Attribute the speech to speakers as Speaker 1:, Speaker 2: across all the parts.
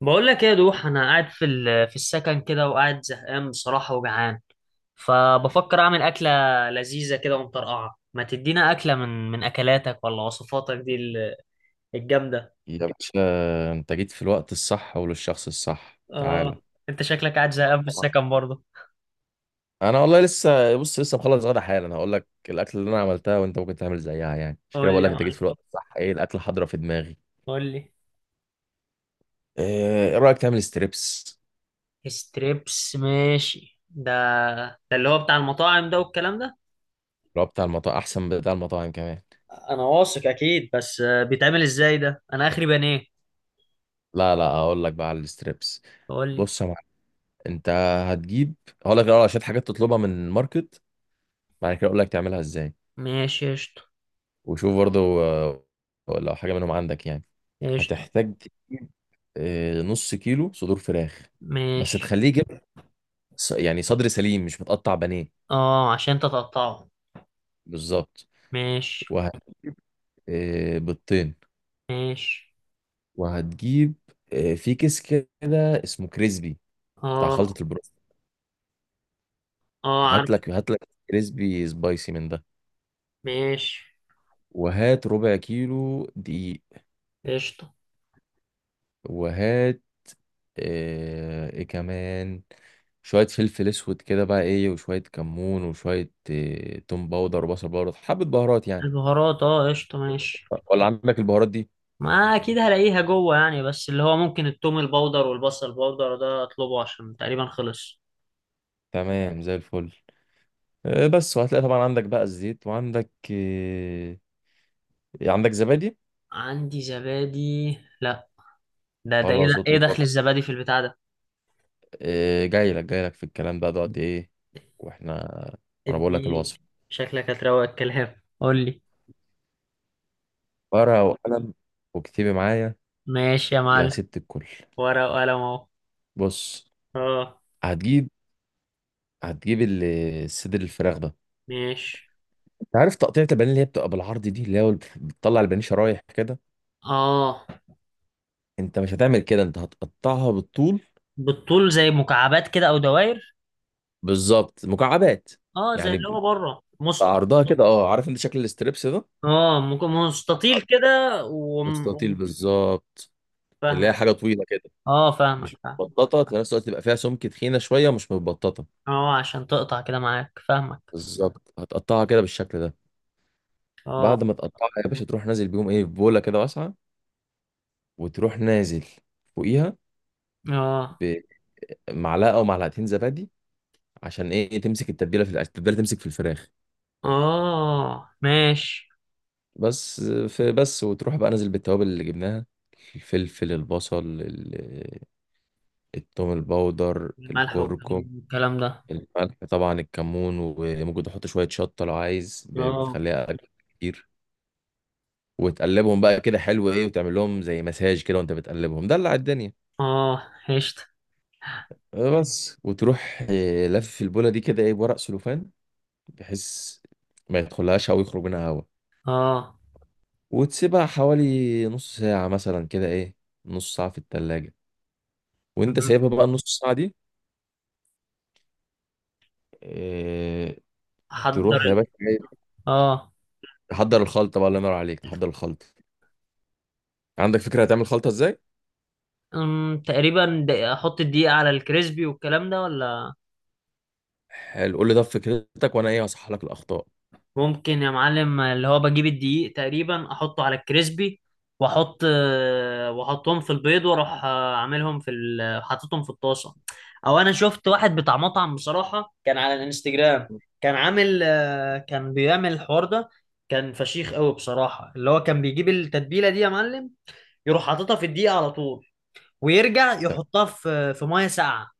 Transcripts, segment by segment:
Speaker 1: بقول لك ايه يا دوح، انا قاعد في في السكن كده وقاعد زهقان بصراحه وجعان، فبفكر اعمل اكله لذيذه كده ومطرقعه. ما تدينا اكله من اكلاتك ولا وصفاتك دي الجامده.
Speaker 2: يا باشا باشا، انت جيت في الوقت الصح وللشخص الصح. تعالى.
Speaker 1: اه، انت شكلك قاعد زهقان في السكن برضه.
Speaker 2: انا والله لسه، بص، لسه مخلص غدا حالا. هقول لك الاكل اللي انا عملتها وانت ممكن تعمل زيها، يعني عشان كده
Speaker 1: قول لي
Speaker 2: بقول
Speaker 1: يا
Speaker 2: لك انت جيت
Speaker 1: معلم،
Speaker 2: في الوقت الصح. ايه الاكل حاضره في دماغي.
Speaker 1: قول لي.
Speaker 2: ايه رايك تعمل ستريبس؟
Speaker 1: ستريبس، ماشي. ده ده اللي هو بتاع المطاعم ده والكلام ده؟
Speaker 2: اللي هو بتاع المطاعم احسن من بتاع المطاعم كمان.
Speaker 1: انا واثق اكيد، بس بيتعمل ازاي ده؟ انا اخري بانيه.
Speaker 2: لا لا، هقول لك بقى على الستريبس.
Speaker 1: قول لي.
Speaker 2: بص يا معلم، انت هتجيب. هقول لك الاول على شويه حاجات تطلبها من الماركت، بعد كده اقول لك تعملها ازاي.
Speaker 1: ماشي قشطه.
Speaker 2: وشوف برضو لو حاجه منهم عندك، يعني.
Speaker 1: قشطه،
Speaker 2: هتحتاج تجيب نص كيلو صدور فراخ، بس
Speaker 1: ماشي.
Speaker 2: تخليه يجيب يعني صدر سليم مش متقطع بانيه.
Speaker 1: اه عشان تتقطعه.
Speaker 2: بالظبط.
Speaker 1: ماشي.
Speaker 2: وهت... بيضتين.
Speaker 1: ماشي.
Speaker 2: وهتجيب في كيس كده اسمه كريسبي بتاع
Speaker 1: اه
Speaker 2: خلطة البروست.
Speaker 1: اه،
Speaker 2: هات
Speaker 1: عارف.
Speaker 2: لك هات لك كريسبي سبايسي من ده.
Speaker 1: ماشي
Speaker 2: وهات ربع كيلو دقيق.
Speaker 1: قشطة.
Speaker 2: وهات ايه كمان، شوية فلفل اسود كده بقى، ايه، وشوية كمون وشوية توم باودر وبصل باودر، حبة بهارات يعني.
Speaker 1: البهارات اه قشطة ماشي.
Speaker 2: ولا عندك البهارات دي؟
Speaker 1: ما اكيد هلاقيها جوه يعني، بس اللي هو ممكن التوم البودر والبصل البودر ده اطلبه عشان تقريبا خلص.
Speaker 2: تمام زي الفل. بس. وهتلاقي طبعا عندك بقى الزيت، وعندك عندك زبادي.
Speaker 1: عندي زبادي؟ لا. ده ايه
Speaker 2: خلاص
Speaker 1: ده؟ ايه
Speaker 2: اطلب برضه.
Speaker 1: دخل الزبادي في البتاع ده؟
Speaker 2: جاي لك في الكلام بقى دلوقتي، ايه، واحنا. وانا بقول لك
Speaker 1: اديني.
Speaker 2: الوصف،
Speaker 1: شكلك هتروق الكلام، قول لي.
Speaker 2: ورقه وقلم، واكتبي معايا
Speaker 1: ماشي يا
Speaker 2: يا
Speaker 1: معلم.
Speaker 2: ست الكل.
Speaker 1: ورقة وقلم اهو.
Speaker 2: بص،
Speaker 1: اه.
Speaker 2: هتجيب. هتجيب الصدر الفراخ ده.
Speaker 1: ماشي.
Speaker 2: انت عارف تقطيعة البانيه اللي هي بتبقى بالعرض دي، اللي هي بتطلع البانيه شرايح كده؟
Speaker 1: اه.
Speaker 2: انت مش هتعمل كده، انت هتقطعها بالطول.
Speaker 1: بالطول زي مكعبات كده او دوائر؟
Speaker 2: بالظبط، مكعبات،
Speaker 1: اه زي
Speaker 2: يعني
Speaker 1: اللي هو بره
Speaker 2: عرضها كده. اه، عارف انت شكل الاستريبس ده؟
Speaker 1: اه مستطيل كده وم-
Speaker 2: مستطيل
Speaker 1: وم-
Speaker 2: بالظبط. اللي هي
Speaker 1: فاهمك.
Speaker 2: حاجه طويله كده،
Speaker 1: اه فاهمك
Speaker 2: مش
Speaker 1: فاهمك.
Speaker 2: متبططه. في نفس الوقت تبقى فيها سمك، تخينه شويه، مش متبططه.
Speaker 1: اه عشان تقطع كده معاك، فاهمك.
Speaker 2: بالظبط، هتقطعها كده بالشكل ده.
Speaker 1: اه.
Speaker 2: بعد ما تقطعها يا باشا، تروح نازل بيهم، ايه، في بوله كده واسعه. وتروح نازل فوقيها
Speaker 1: اه
Speaker 2: بمعلقه او معلقتين زبادي، عشان ايه؟ تمسك التتبيله في التتبيله تمسك في الفراخ
Speaker 1: اه. ماشي.
Speaker 2: بس. في بس، وتروح بقى نازل بالتوابل اللي جبناها، الفلفل البصل التوم البودر
Speaker 1: الملح
Speaker 2: الكركم.
Speaker 1: والكلام ده.
Speaker 2: الملح طبعا، الكمون، وممكن تحط شوية شطة لو عايز،
Speaker 1: اه.
Speaker 2: بتخليها أجمل كتير. وتقلبهم بقى كده حلو، إيه، وتعمل لهم زي مساج كده وأنت بتقلبهم، دلع الدنيا.
Speaker 1: اه هشت.
Speaker 2: بس. وتروح لف البولة دي كده، إيه، بورق سلوفان، بحيث ما يدخلهاش هوا ويخرج منها هوا.
Speaker 1: اه
Speaker 2: وتسيبها حوالي نص ساعة مثلا، كده إيه، نص ساعة في التلاجة. وأنت
Speaker 1: مهم.
Speaker 2: سايبها بقى النص ساعة دي، آه،
Speaker 1: احضر
Speaker 2: تروح يا
Speaker 1: ال...
Speaker 2: باشا،
Speaker 1: اه.
Speaker 2: تحضر الخلطة بقى، الله ينور عليك، تحضر الخلطة. عندك فكرة هتعمل خلطة إزاي؟
Speaker 1: تقريبا احط الدقيقة على الكريسبي والكلام ده ولا؟
Speaker 2: حلو، قول لي ده فكرتك وانا ايه هصحح لك الاخطاء.
Speaker 1: ممكن يا معلم اللي هو بجيب الدقيق تقريبا احطه على الكريسبي، واحط واحطهم في البيض، واروح عاملهم في حاططهم في الطاسه. او انا شفت واحد بتاع مطعم بصراحه كان على الانستجرام، كان عامل كان بيعمل الحوار ده، كان فشيخ قوي بصراحه. اللي هو كان بيجيب التتبيله دي يا معلم، يروح حاططها في الدقيق على طول، ويرجع
Speaker 2: تمام.
Speaker 1: يحطها في في ميه ساقعه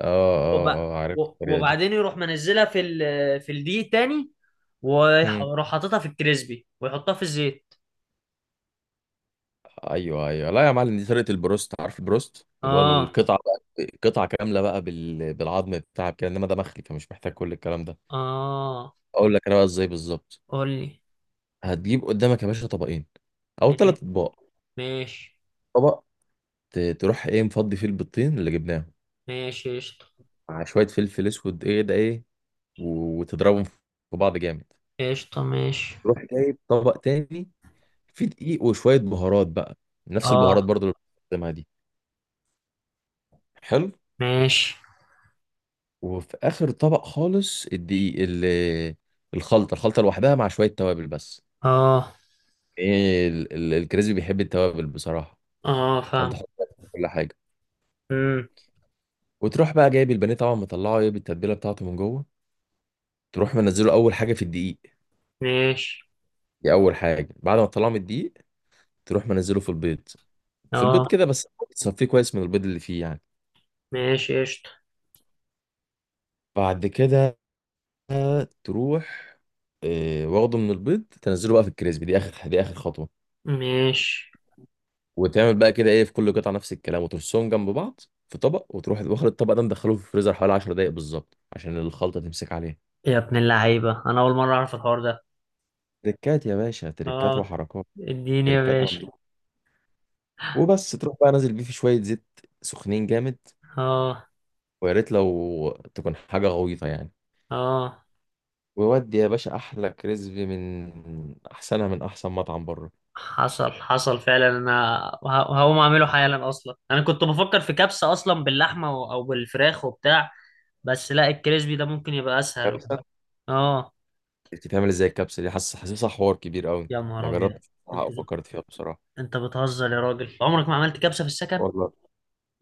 Speaker 2: اه،
Speaker 1: وب...
Speaker 2: اه، اه، عارف الطريقه دي.
Speaker 1: وبعدين يروح منزلها في في الدقيق تاني،
Speaker 2: امم
Speaker 1: ويروح حاططها في الكريسبي ويحطها في الزيت.
Speaker 2: ايوه ايوه، لا يا معلم، دي طريقه البروست. عارف البروست اللي هو
Speaker 1: اه.
Speaker 2: القطعه بقى، قطعه كامله بقى بالعظم بتاعك كده؟ انما ده مخلي، فمش محتاج كل الكلام ده.
Speaker 1: اه.
Speaker 2: اقول لك انا بقى ازاي بالظبط.
Speaker 1: قول لي.
Speaker 2: هتجيب قدامك يا باشا طبقين او ثلاث اطباق.
Speaker 1: ماشي.
Speaker 2: طبق تروح ايه مفضي، فيه البيضتين اللي جبناهم
Speaker 1: ماشي قشطة.
Speaker 2: مع شويه فلفل اسود، ايه ده ايه، وتضربهم في بعض جامد.
Speaker 1: قشطة ماشي.
Speaker 2: تروح جايب طبق تاني في دقيق وشوية بهارات بقى، نفس البهارات
Speaker 1: اه.
Speaker 2: برضو اللي بنستخدمها دي. حلو.
Speaker 1: ماشي.
Speaker 2: وفي آخر طبق خالص الدقيق، الخلطة، الخلطة لوحدها مع شوية توابل بس.
Speaker 1: اه.
Speaker 2: ايه، الكريسبي بيحب التوابل بصراحة.
Speaker 1: اه
Speaker 2: فانت
Speaker 1: فاهم.
Speaker 2: حط كل حاجة،
Speaker 1: امم.
Speaker 2: وتروح بقى جايب البانيه طبعا، مطلعه، ايه، بالتتبيلة بتاعته من جوه، تروح منزله أول حاجة في الدقيق.
Speaker 1: ماشي.
Speaker 2: دي أول حاجة. بعد ما تطلعه من الدقيق تروح منزله في البيض، في البيض
Speaker 1: اه.
Speaker 2: كده بس، تصفيه كويس من البيض اللي فيه يعني.
Speaker 1: ماشي قشطة.
Speaker 2: بعد كده تروح، واخده من البيض، تنزله بقى في الكريسبي. دي اخر خطوه.
Speaker 1: ماشي.
Speaker 2: وتعمل بقى كده، ايه، في كل قطعه نفس الكلام، وترصهم جنب بعض في طبق. وتروح واخد الطبق ده، مدخله في الفريزر حوالي 10 دقائق بالظبط عشان الخلطه تمسك عليها.
Speaker 1: يا ابن اللعيبة، انا اول مرة اعرف الحوار ده.
Speaker 2: تركات يا باشا، تركات
Speaker 1: اه.
Speaker 2: وحركات،
Speaker 1: اديني يا
Speaker 2: تركات
Speaker 1: باشا.
Speaker 2: ممدوح. وبس، تروح بقى نازل بيه في شويه زيت سخنين جامد،
Speaker 1: اه.
Speaker 2: ويا ريت لو تكون حاجه غويطه يعني.
Speaker 1: اه.
Speaker 2: ويودي يا باشا احلى كريسبي، من احسنها، من احسن مطعم بره.
Speaker 1: حصل حصل فعلا. انا وهقوم اعمله حالا. اصلا انا كنت بفكر في كبسة اصلا باللحمة او بالفراخ وبتاع، بس لا، الكريسبي ده ممكن يبقى اسهل.
Speaker 2: كبسه؟
Speaker 1: اه.
Speaker 2: بتتعمل ازاي الكبسه دي؟ حاسسها حوار كبير قوي.
Speaker 1: يا
Speaker 2: ما
Speaker 1: نهار ابيض.
Speaker 2: جربتش بصراحة،
Speaker 1: انت
Speaker 2: او فكرت فيها بصراحه.
Speaker 1: انت بتهزر يا راجل؟ عمرك ما عملت كبسة في السكن؟
Speaker 2: والله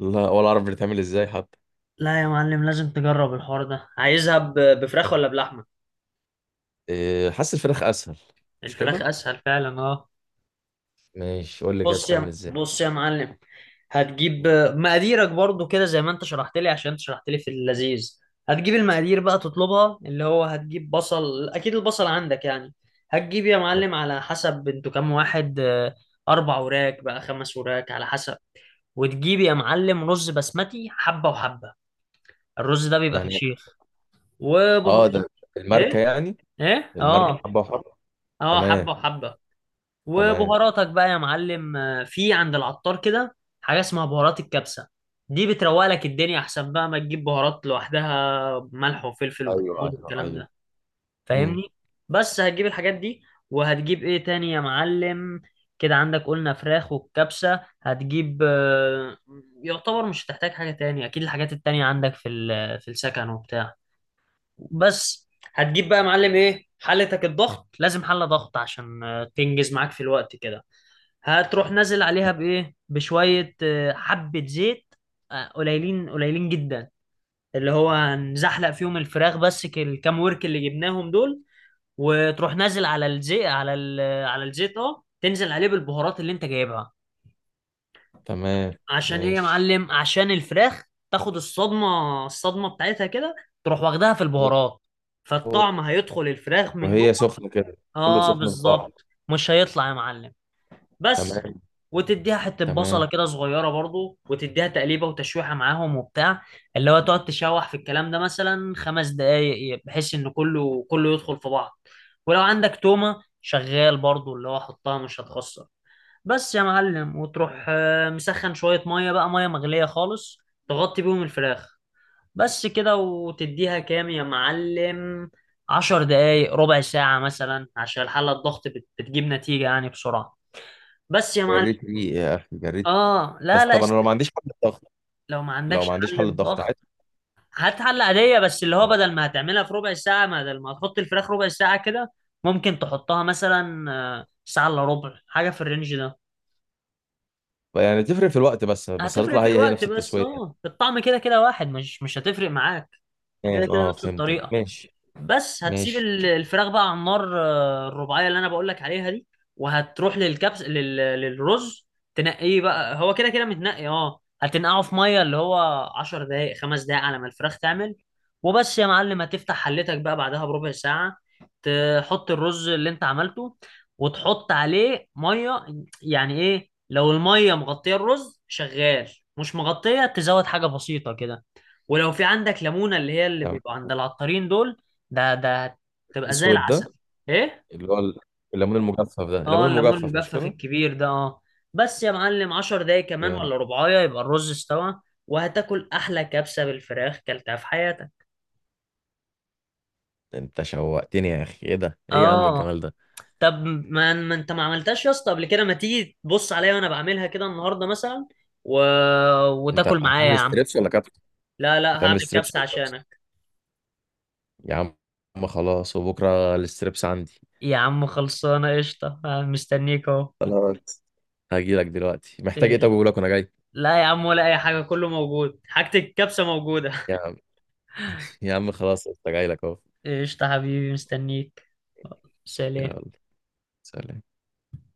Speaker 2: لا، ولا اعرف بتتعمل ازاي حتى.
Speaker 1: لا يا معلم، لازم تجرب الحوار ده. عايزها بفراخ ولا بلحمة؟
Speaker 2: حاسس الفراخ اسهل، مش
Speaker 1: الفراخ
Speaker 2: كده؟
Speaker 1: اسهل فعلا اه.
Speaker 2: ماشي، قول لي كده، بتتعمل ازاي؟
Speaker 1: بص يا معلم، هتجيب
Speaker 2: مم.
Speaker 1: مقاديرك برضو كده زي ما انت شرحت لي، عشان انت شرحت لي في اللذيذ. هتجيب المقادير بقى تطلبها. اللي هو هتجيب بصل، اكيد البصل عندك يعني. هتجيب يا معلم على حسب انتوا كام واحد، اربع وراك بقى خمس وراك على حسب. وتجيب يا معلم رز بسمتي حبة وحبة، الرز ده بيبقى
Speaker 2: يعني
Speaker 1: فشيخ. وبهارات.
Speaker 2: اه، ده الماركه
Speaker 1: ايه.
Speaker 2: يعني،
Speaker 1: ايه
Speaker 2: الماركه
Speaker 1: اه.
Speaker 2: حبه وحبه.
Speaker 1: اه
Speaker 2: تمام.
Speaker 1: حبة وحبة.
Speaker 2: تمام.
Speaker 1: وبهاراتك بقى يا معلم في عند العطار كده حاجة اسمها بهارات الكبسة. دي بتروق لك الدنيا، احسن بقى ما تجيب بهارات لوحدها ملح وفلفل
Speaker 2: ايوه
Speaker 1: وكمون
Speaker 2: ايوه
Speaker 1: والكلام
Speaker 2: ايوه.
Speaker 1: ده.
Speaker 2: امم
Speaker 1: فاهمني؟ بس هتجيب الحاجات دي. وهتجيب ايه تاني يا معلم؟ كده عندك قلنا فراخ والكبسة. هتجيب يعتبر مش هتحتاج حاجة تاني، اكيد الحاجات التانية عندك في في السكن وبتاع. بس. هتجيب بقى يا معلم ايه؟ حلتك الضغط، لازم حلة ضغط عشان تنجز معاك في الوقت كده. هتروح نازل عليها بايه؟ بشويه حبه زيت، قليلين قليلين جدا، اللي هو هنزحلق فيهم الفراخ بس. الكام ورك اللي جبناهم دول، وتروح نازل على الزيت على على الزيت اه، تنزل عليه بالبهارات اللي انت جايبها.
Speaker 2: تمام.
Speaker 1: عشان ايه يا
Speaker 2: ماشي.
Speaker 1: معلم؟ عشان الفراخ تاخد الصدمه، الصدمه بتاعتها كده، تروح واخدها في البهارات،
Speaker 2: أوه.
Speaker 1: فالطعم هيدخل الفراخ من جوه.
Speaker 2: وهي سخنه كده، كله
Speaker 1: اه
Speaker 2: سخن في بعض.
Speaker 1: بالظبط، مش هيطلع يا معلم. بس.
Speaker 2: تمام.
Speaker 1: وتديها حته بصله
Speaker 2: تمام.
Speaker 1: كده صغيره برضو، وتديها تقليبه وتشويحه معاهم وبتاع. اللي هو تقعد تشوح في الكلام ده مثلا 5 دقايق، بحيث ان كله كله يدخل في بعض. ولو عندك تومه شغال برضو، اللي هو حطها مش هتخسر. بس يا معلم. وتروح مسخن شويه ميه، بقى ميه مغليه خالص، تغطي بيهم الفراخ بس كده. وتديها كام يا معلم؟ 10 دقايق ربع ساعة مثلا، عشان الحلة الضغط بتجيب نتيجة يعني بسرعة. بس يا معلم.
Speaker 2: جريت ريقي يا اخي، جريت ريقي.
Speaker 1: اه.
Speaker 2: بس
Speaker 1: لا لا
Speaker 2: طبعا انا لو ما
Speaker 1: اشت...
Speaker 2: عنديش حل الضغط،
Speaker 1: لو ما
Speaker 2: لو
Speaker 1: عندكش
Speaker 2: ما عنديش حل
Speaker 1: حل
Speaker 2: الضغط
Speaker 1: الضغط،
Speaker 2: عادي،
Speaker 1: هات حل عادية، بس اللي هو
Speaker 2: يعني.
Speaker 1: بدل ما هتعملها في ربع ساعة، بدل ما تحط الفراخ ربع ساعة كده، ممكن تحطها مثلا ساعة الا ربع حاجة في الرينج ده.
Speaker 2: يعني تفرق في الوقت بس،
Speaker 1: هتفرق
Speaker 2: هتطلع
Speaker 1: في
Speaker 2: هي
Speaker 1: الوقت
Speaker 2: نفس
Speaker 1: بس
Speaker 2: التسويه.
Speaker 1: اه، الطعم كده كده واحد، مش هتفرق معاك. كده
Speaker 2: تمام،
Speaker 1: كده
Speaker 2: اه،
Speaker 1: نفس
Speaker 2: فهمتك.
Speaker 1: الطريقة.
Speaker 2: ماشي.
Speaker 1: بس هتسيب
Speaker 2: ماشي.
Speaker 1: الفراخ بقى على النار الرباعيه اللي انا بقول لك عليها دي. وهتروح للرز. تنقيه بقى، هو كده كده متنقي اه، هتنقعه في ميه اللي هو 10 دقائق 5 دقائق على ما الفراخ تعمل. وبس يا معلم هتفتح حلتك بقى بعدها بربع ساعه، تحط الرز اللي انت عملته، وتحط عليه ميه. يعني ايه؟ لو الميه مغطيه الرز، شغال. مش مغطيه، تزود حاجه بسيطه كده. ولو في عندك ليمونه اللي هي اللي
Speaker 2: تمام.
Speaker 1: بيبقى عند العطارين دول، ده تبقى زي
Speaker 2: الاسود ده
Speaker 1: العسل. ايه.
Speaker 2: اللي هو الليمون المجفف ده،
Speaker 1: اه
Speaker 2: الليمون
Speaker 1: الليمون
Speaker 2: المجفف، مش
Speaker 1: المجفف
Speaker 2: كده؟
Speaker 1: الكبير ده اه. بس يا معلم 10 دقايق كمان
Speaker 2: جامد.
Speaker 1: ولا ربعايه يبقى الرز استوى. وهتاكل احلى كبسه بالفراخ كلتها في حياتك.
Speaker 2: انت شوقتني يا اخي، ايه ده، ايه يا عم
Speaker 1: اه.
Speaker 2: الجمال ده.
Speaker 1: طب ما انت ما عملتهاش يا اسطى قبل كده؟ ما تيجي تبص عليا وانا بعملها كده النهارده مثلا و...
Speaker 2: انت
Speaker 1: وتاكل معايا يا
Speaker 2: هتعمل
Speaker 1: عم.
Speaker 2: ستريبس ولا كابس؟
Speaker 1: لا لا، هعمل
Speaker 2: هتعمل ستريبس
Speaker 1: كبسه
Speaker 2: ولا كابس؟
Speaker 1: عشانك.
Speaker 2: يا عم خلاص، وبكره الستريبس عندي.
Speaker 1: يا عم خلصانه قشطه، مستنيك اهو.
Speaker 2: خلاص، هجي لك دلوقتي، محتاج
Speaker 1: إيه.
Speaker 2: ايه؟ طب اقول لك وانا جاي.
Speaker 1: لا يا عم ولا اي حاجه، كله موجود، حاجه الكبسه موجوده.
Speaker 2: يا عم، يا عم خلاص، انت جاي لك اهو.
Speaker 1: قشطة حبيبي، مستنيك. سلام.
Speaker 2: يلا، سلام.